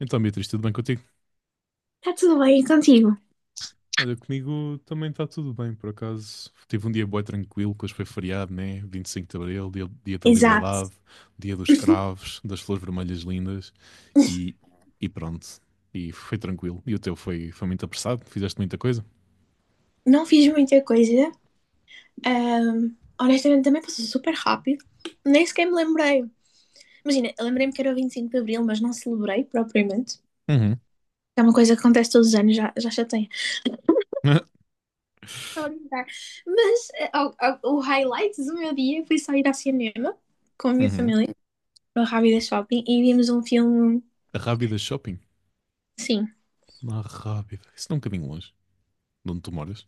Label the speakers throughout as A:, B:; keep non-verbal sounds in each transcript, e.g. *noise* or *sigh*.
A: Então, Beatriz, tudo bem contigo?
B: Está tudo bem contigo?
A: Olha, comigo também está tudo bem, por acaso. Tive um dia bué tranquilo, que hoje foi feriado, né? 25 de Abril, dia da liberdade,
B: Exato.
A: dia dos cravos, das flores vermelhas lindas e, e pronto. E foi tranquilo. E o teu foi muito apressado? Fizeste muita coisa?
B: Não fiz muita coisa. Honestamente, também passou super rápido. Nem sequer me lembrei. Imagina, eu lembrei-me que era o 25 de Abril, mas não celebrei propriamente.
A: Uhum.
B: É uma coisa que acontece todos os anos, já chatei.
A: *laughs*
B: Estou a brincar. Mas o highlight do meu dia foi só ir ao cinema com a minha
A: Uhum.
B: família, no Rábida Shopping, e vimos um filme,
A: A Rábida Shopping?
B: sim.
A: Na Rábida. Isso não é um bocadinho longe de onde tu moras.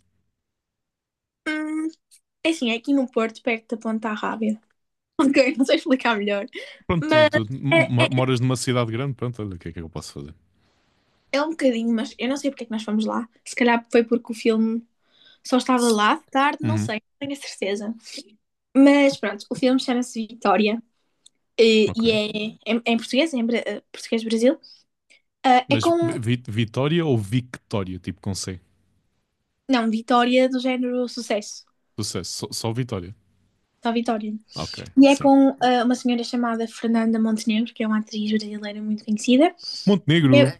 B: Hum, é assim, é aqui no Porto, perto da Ponta Rábida. *laughs* Ok, não sei explicar melhor.
A: Pronto,
B: Mas
A: tu, tu
B: é, é,
A: mo- moras numa cidade grande, pronto, olha, o que é que eu posso fazer?
B: É um bocadinho, mas eu não sei porque é que nós fomos lá. Se calhar foi porque o filme só estava lá de tarde, não
A: Uhum.
B: sei, não tenho a certeza. Mas pronto, o filme chama-se Vitória,
A: Ok.
B: e é em português, é português Brasil. Ah, é
A: Mas
B: com,
A: vi- Vitória ou Victória, tipo com C?
B: não, Vitória do género sucesso,
A: Sucesso, só Vitória.
B: só Vitória.
A: Ok,
B: E é
A: sim.
B: com uma senhora chamada Fernanda Montenegro, que é uma atriz brasileira muito conhecida. Eu-
A: Montenegro,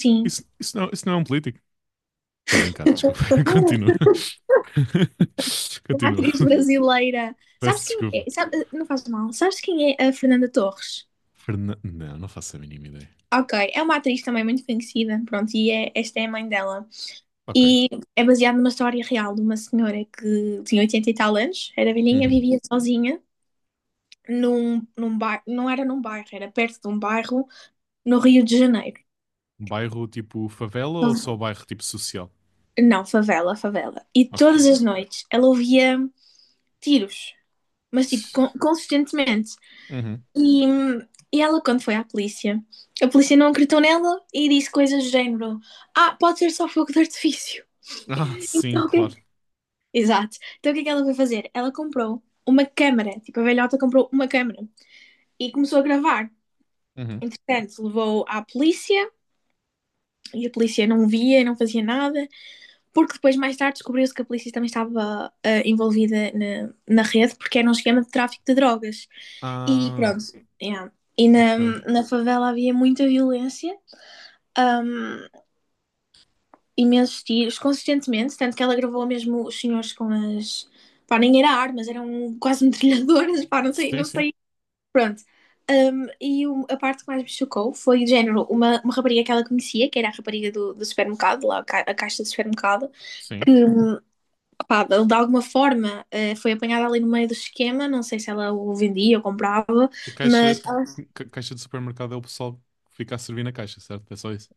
B: sim,
A: isso, não, isso não é um político. Estou a brincar, desculpa. *laughs* Continua. *laughs*
B: uma
A: Continua.
B: atriz brasileira. Sabes
A: Peço
B: quem é?
A: desculpa.
B: Não faz mal. Sabes quem é a Fernanda Torres?
A: Não, não faço a mínima ideia.
B: Ok, é uma atriz também muito conhecida, pronto, esta é a mãe dela.
A: Ok.
B: E é baseada numa história real de uma senhora que tinha 80 e tal anos, era velhinha,
A: Uhum.
B: vivia sozinha num bairro, não era num bairro, era perto de um bairro no Rio de Janeiro.
A: Bairro tipo favela ou só
B: Fa-
A: bairro tipo social?
B: Não, favela, favela. E
A: Ok.
B: todas as noites ela ouvia tiros, mas tipo, consistentemente.
A: Uhum.
B: E, hum, e ela, quando foi à polícia, a polícia não acreditou nela e disse coisas do género: Ah, pode ser só fogo de artifício.
A: Ah,
B: *laughs*
A: sim,
B: Então, o é
A: claro.
B: Exato. Então o que é que ela foi fazer? Ela comprou uma câmara, tipo, a velhota comprou uma câmara e começou a gravar.
A: Uhum.
B: Entretanto, levou à polícia e a polícia não via, não fazia nada, porque depois, mais tarde, descobriu-se que a polícia também estava envolvida na rede, porque era um esquema de tráfico de drogas. E
A: Ah,
B: pronto, yeah. E na,
A: ok.
B: na favela havia muita violência. hum, imensos tiros, consistentemente, tanto que ela gravou mesmo os senhores com as. Pá, nem era armas, eram quase metralhadoras, pá, não sei,
A: Sim,
B: não
A: sim.
B: sei. Pronto. E a parte que mais me chocou foi, de género, uma rapariga que ela conhecia, que era a rapariga do supermercado, lá a caixa do supermercado, que,
A: Sim.
B: pá, de alguma forma, foi apanhada ali no meio do esquema, não sei se ela o vendia ou comprava,
A: A caixa,
B: mas ela,
A: ca- caixa de supermercado é o pessoal que fica a servir na caixa, certo? É só isso.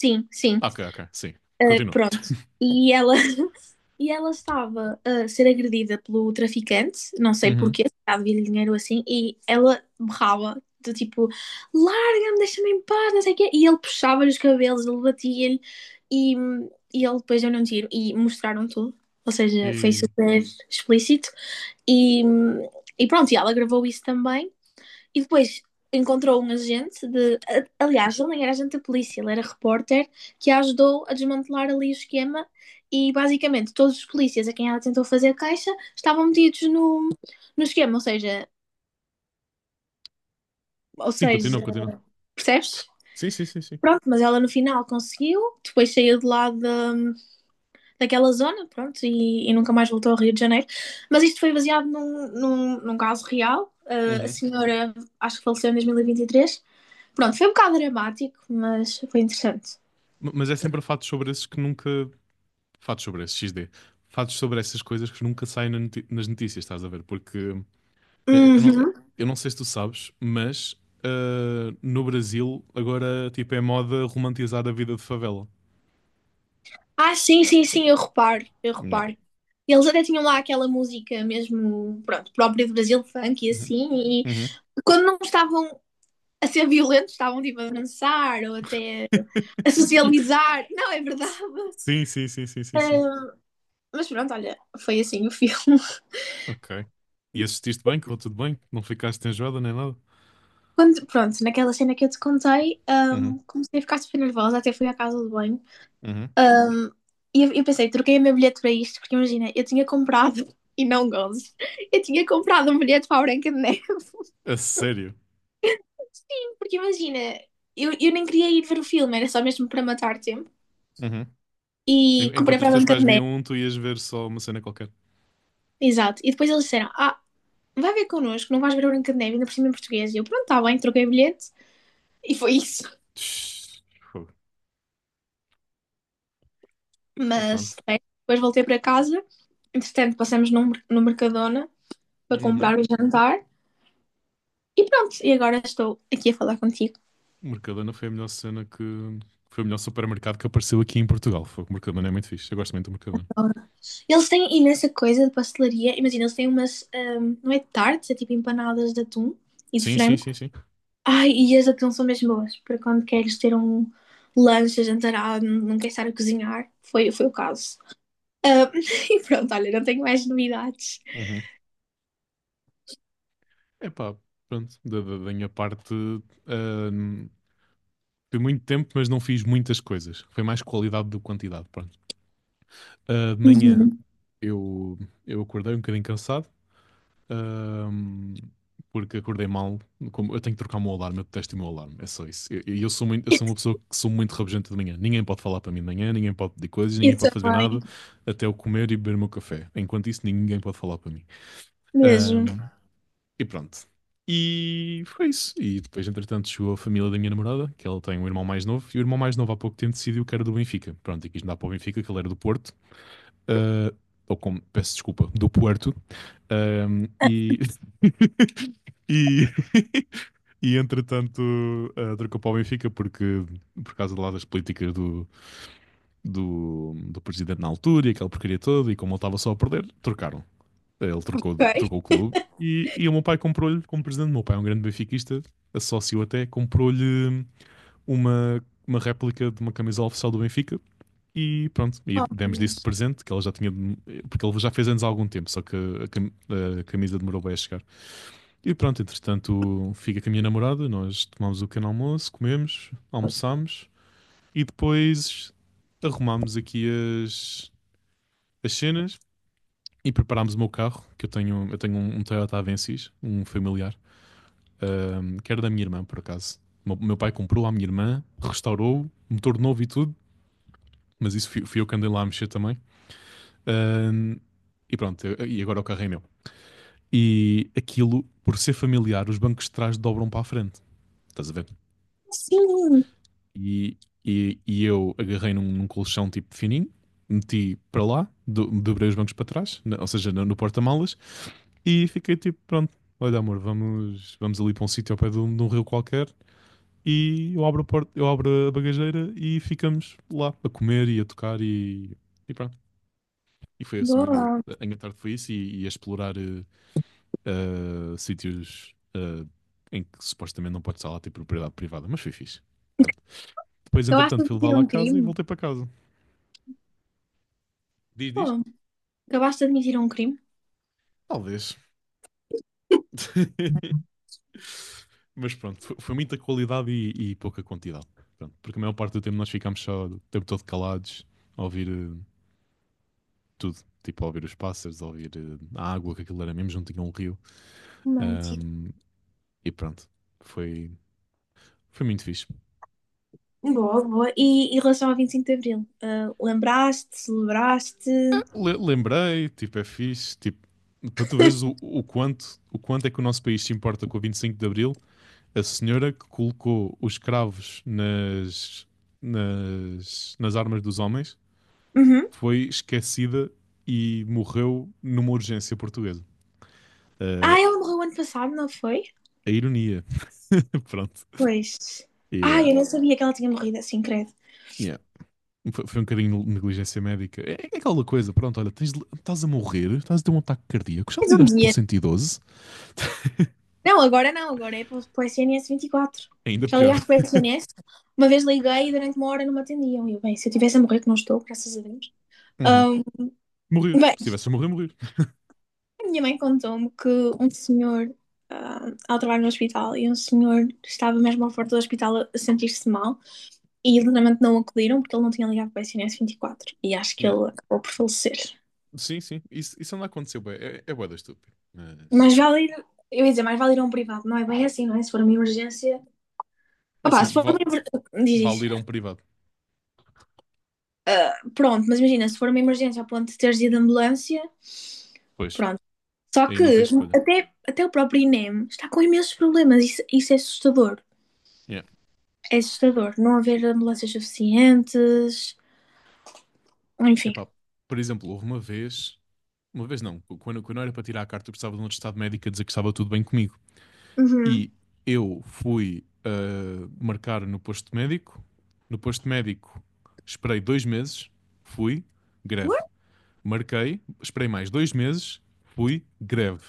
B: sim, sim,
A: Ah, ok, ok, sim. Continua.
B: pronto. E ela *laughs* E ela estava a ser agredida pelo traficante, não sei
A: Uhum.
B: porquê, se calhar devia-lhe dinheiro assim, e ela berrava, do tipo, larga-me, deixa-me em paz, não sei o quê. E ele puxava-lhe os cabelos, ele batia-lhe, e, e ele depois deu-lhe um tiro, e mostraram tudo. Ou seja, foi
A: E...
B: super explícito. E, e pronto, e ela gravou isso também. E depois encontrou um agente de. Aliás, ele nem era agente da polícia, ele era repórter que a ajudou a desmantelar ali o esquema. E basicamente todos os polícias a quem ela tentou fazer caixa estavam metidos no esquema, ou seja, ou
A: Sim, continua,
B: seja,
A: continua.
B: percebes?
A: Sim, sim, sim, sim.
B: Pronto, mas ela no final conseguiu, depois saiu de lá daquela zona, pronto, e nunca mais voltou ao Rio de Janeiro. Mas isto foi baseado num caso real. Ah, a
A: Uhum.
B: senhora, acho que faleceu em 2023. Pronto, foi um bocado dramático, mas foi interessante.
A: Mas é sempre fatos sobre esses que nunca. Fatos sobre esses, XD. Fatos sobre essas coisas que nunca saem nas notícias, estás a ver? Porque eh, eu não,
B: Uhum.
A: eu não sei se tu sabes, mas no Brasil agora tipo, é moda romantizar a vida de favela.
B: Ah, sim, sim, sim, eu reparo, eu
A: Não.
B: reparo. Eles até tinham lá aquela música mesmo, pronto, própria do Brasil, funk e
A: Uhum.
B: assim, e
A: Uhum.
B: quando não estavam a ser violentos, estavam tipo a dançar ou até a
A: *laughs*
B: socializar. *laughs* Não, é verdade.
A: Sim, sim, sim, sim, sim, sim.
B: Ahm, mas pronto, olha, foi assim o filme. *laughs*
A: Ok. E assististe bem? Correu tudo bem? Não ficaste enjoada nem nada?
B: Quando, pronto, naquela cena que eu te contei,
A: Uhum,
B: comecei a ficar super nervosa, até fui à casa do banho.
A: uhum.
B: E eu pensei, troquei o meu bilhete para isto, porque imagina, eu tinha comprado, *laughs* e não gozes, eu tinha comprado um bilhete para a Branca de Neve.
A: A sério?
B: *laughs* Sim, porque imagina, eu nem queria ir ver o filme, era só mesmo para matar tempo.
A: Uhum.
B: E comprei
A: Enquanto os
B: para a
A: teus
B: Branca de
A: pais viam
B: Neve,
A: um, tu ias ver só uma cena qualquer.
B: exato. E depois eles disseram, ah, vai ver connosco, não vais ver a Branca de Neve, ainda por cima em português. E eu, pronto, está bem, troquei o bilhete, e foi isso.
A: Tch, fogo. Oh,
B: Mas,
A: pronto.
B: bem, depois voltei para casa, entretanto passamos no Mercadona para
A: Uhum.
B: comprar o jantar. E pronto, e agora estou aqui a falar contigo.
A: Mercadona foi a melhor cena que... Foi o melhor supermercado que apareceu aqui em Portugal. Fogo, Mercadona é muito fixe. Eu gosto muito do Mercadona.
B: Eles têm imensa coisa de pastelaria. Imagina, eles têm umas. Não é tartes, é tipo empanadas de atum e de
A: Sim, sim,
B: frango.
A: sim, sim.
B: Ai, e as de atum são mesmo boas. Para quando queres ter um lanche, jantarado, não, não queres estar a cozinhar. Foi, foi o caso. Ahm, *laughs* e pronto, olha, não tenho mais novidades.
A: Uhum. Epá, pronto, da minha parte, ahm, fui muito tempo, mas não fiz muitas coisas. Foi mais qualidade do que quantidade, pronto. Ah, de manhã
B: Uhum.
A: eu, eu acordei um bocadinho cansado, ahm, porque acordei mal. Como, eu tenho que trocar o meu alarme, eu detesto o meu alarme, é só isso. E eu
B: Eu
A: sou uma pessoa que sou muito rabugenta de manhã. Ninguém pode falar para mim de manhã, ninguém pode pedir coisas, ninguém
B: eu
A: pode fazer
B: também,
A: nada, até eu comer e beber o meu café. Enquanto isso, ninguém pode falar para mim.
B: mesmo.
A: Ahm, E pronto. E foi isso. E depois, entretanto, chegou a família da minha namorada, que ela tem um irmão mais novo, e o irmão mais novo há pouco tempo decidiu que era do Benfica. Pronto, e quis mudar para o Benfica, que ele era do Porto. Ah, ou como, peço desculpa, do Puerto. Ahm,
B: Ah,
A: e... *laughs* e... *laughs* e, entretanto, trocou para o Benfica porque, por causa de lá das políticas do presidente na altura e aquela porcaria toda, e como ele estava só a perder, trocaram. Ele trocou,
B: Ok.
A: trocou o clube e o meu pai comprou-lhe, como presidente. O meu pai é um grande benfiquista, sócio até, comprou-lhe uma réplica de uma camisola oficial do Benfica e pronto, e
B: Oh, meu
A: demos-lhe isso de
B: Deus.
A: presente, que ela já tinha, porque ele já fez anos há algum tempo, só que a camisa demorou bem a chegar. E pronto, entretanto, fica com a minha namorada, nós tomamos o pequeno almoço, comemos, almoçámos e depois arrumámos aqui as, as cenas e preparámos o meu carro, que eu tenho um Toyota Avensis, um familiar, que era da minha irmã, por acaso. O meu pai comprou à minha irmã, restaurou, motor novo e tudo, mas isso fui eu que andei lá a mexer também. Ahm, e pronto, e agora o carro é meu. E aquilo, por ser familiar, os bancos de trás dobram para a frente, estás a ver?
B: Sim,
A: E, e eu agarrei num colchão tipo fininho, meti para lá, dobrei os bancos para trás, ou seja, no porta-malas. E fiquei tipo, pronto, olha amor, vamos ali para um sítio ao pé de um rio qualquer e eu abro a porta, eu abro a bagageira e ficamos lá a comer e a tocar e pronto. E foi esse o meu dia.
B: boa.
A: A minha tarde foi isso e a explorar sítios em que supostamente não pode estar lá ter propriedade privada, mas foi fixe. Pronto. Depois,
B: Acabaste
A: entretanto,
B: de
A: fui levar
B: admitir
A: lá a
B: um
A: casa e
B: crime?
A: voltei para casa. Diz, diz?
B: Boa. Acabaste de admitir um crime?
A: Talvez. *laughs* Mas pronto, foi muita qualidade e pouca quantidade. Pronto, porque a maior parte do tempo nós ficámos só o tempo todo calados a ouvir tudo. Tipo, a ouvir os pássaros, a ouvir a água, que aquilo era mesmo, não tinha um rio.
B: Romântico.
A: Ahm, e pronto, foi, foi muito fixe.
B: Boa, boa. E em relação ao 25 de Abril, lembraste, celebraste?
A: Lembrei, tipo, é fixe. Tipo, para tu veres o,
B: *laughs*
A: o quanto, o quanto é que o nosso país se importa com o 25 de Abril, a senhora que colocou os cravos nas armas dos homens
B: Uhum.
A: foi esquecida e morreu numa urgência portuguesa. Eh,
B: Ah, ela morreu ano passado, não foi?
A: a ironia. *laughs* Pronto.
B: Pois. ah
A: Yeah.
B: eu não sabia que ela tinha morrido assim, credo.
A: Yeah. Foi um bocadinho de neligência médica. É aquela coisa, pronto, olha, tens estás a morrer, estás a ter um ataque cardíaco, já
B: Mais um
A: ligaste para o
B: dia.
A: 112?
B: Não, agora não, agora é para o SNS 24.
A: Ainda
B: Já
A: pior.
B: ligaste para o
A: *laughs*
B: SNS? Uma vez liguei e durante 1 hora não me atendiam. E eu, bem, se eu tivesse a morrer, que não estou, graças a Deus.
A: Uhum.
B: Ahm,
A: Morrer.
B: bem,
A: Se tivesse a morrer, morrer.
B: a minha mãe contou-me que um senhor, ela trabalha no hospital, e um senhor estava mesmo à porta do hospital a sentir-se mal. E literalmente não acudiram porque ele não tinha ligado para o SNS 24 e acho que
A: Yeah.
B: ele acabou por falecer.
A: Sim, sim. Isso anda a acontecer, é bué da estúpido. Mas,
B: Mas vale ir, eu ia dizer, mais vale ir a um privado, não é bem assim, não é? Se for uma emergência.
A: é
B: Opá,
A: assim,
B: se for uma emergência. Diz,
A: vale ir a um
B: diz.
A: privado.
B: Ah, pronto, mas imagina, se for uma emergência a ponto de teres ido de ambulância,
A: Pois,
B: pronto. Só
A: aí não
B: que
A: tens escolha.
B: até o próprio INEM está com imensos problemas, isso é assustador.
A: É. Yeah.
B: É assustador. Não
A: E-
B: haver ambulâncias suficientes, enfim.
A: Epá, por exemplo, houve uma vez. Uma vez não, quando era para tirar a carta, eu precisava de um atestado médico a dizer que estava tudo bem comigo.
B: Uhum.
A: E eu fui marcar no posto médico. No posto médico, esperei 2 meses, fui, greve. Marquei, esperei mais 2 meses, fui, greve.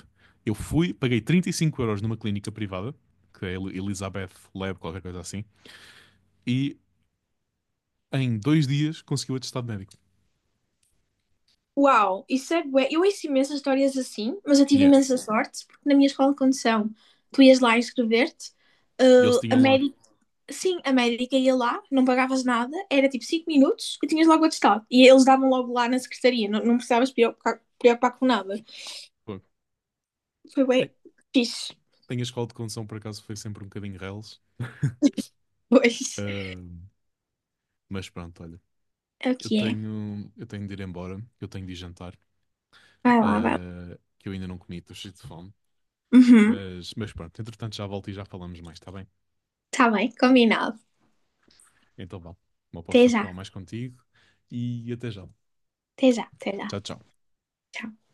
A: Eu fui, paguei 35 € numa clínica privada, que é Elizabeth Lab, qualquer coisa assim, e em 2 dias consegui o atestado médico.
B: Uau, isso é bué. Eu ouço imensas histórias assim, mas eu tive
A: Yeah.
B: imensa sorte, porque na minha escola de condução, tu ias lá inscrever-te,
A: E eles
B: ah, a
A: tinham lá.
B: médica, sim, a médica ia lá, não pagavas nada, era tipo 5 minutos e tinhas logo o atestado. E eles davam logo lá na secretaria, não precisavas preocupar, preocupar com nada.
A: Pô,
B: Foi bué
A: ei,
B: fixe. *laughs*
A: tem a escola de condução, por acaso, foi sempre um bocadinho reles.
B: Pois,
A: Ah, mas pronto, olha,
B: é o
A: eu
B: que é.
A: tenho, eu tenho de ir embora, eu tenho de ir jantar,
B: Vai lá, vai lá.
A: que eu ainda não comi, estou cheio de fome.
B: Uhum.
A: Mas pronto, entretanto já volto e já falamos mais, está bem?
B: Tá bem, combinado.
A: Então vá, não posso
B: Até
A: já
B: já,
A: falar mais contigo e até já.
B: até já, até
A: Tchau,
B: já.
A: tchau.
B: Tchau.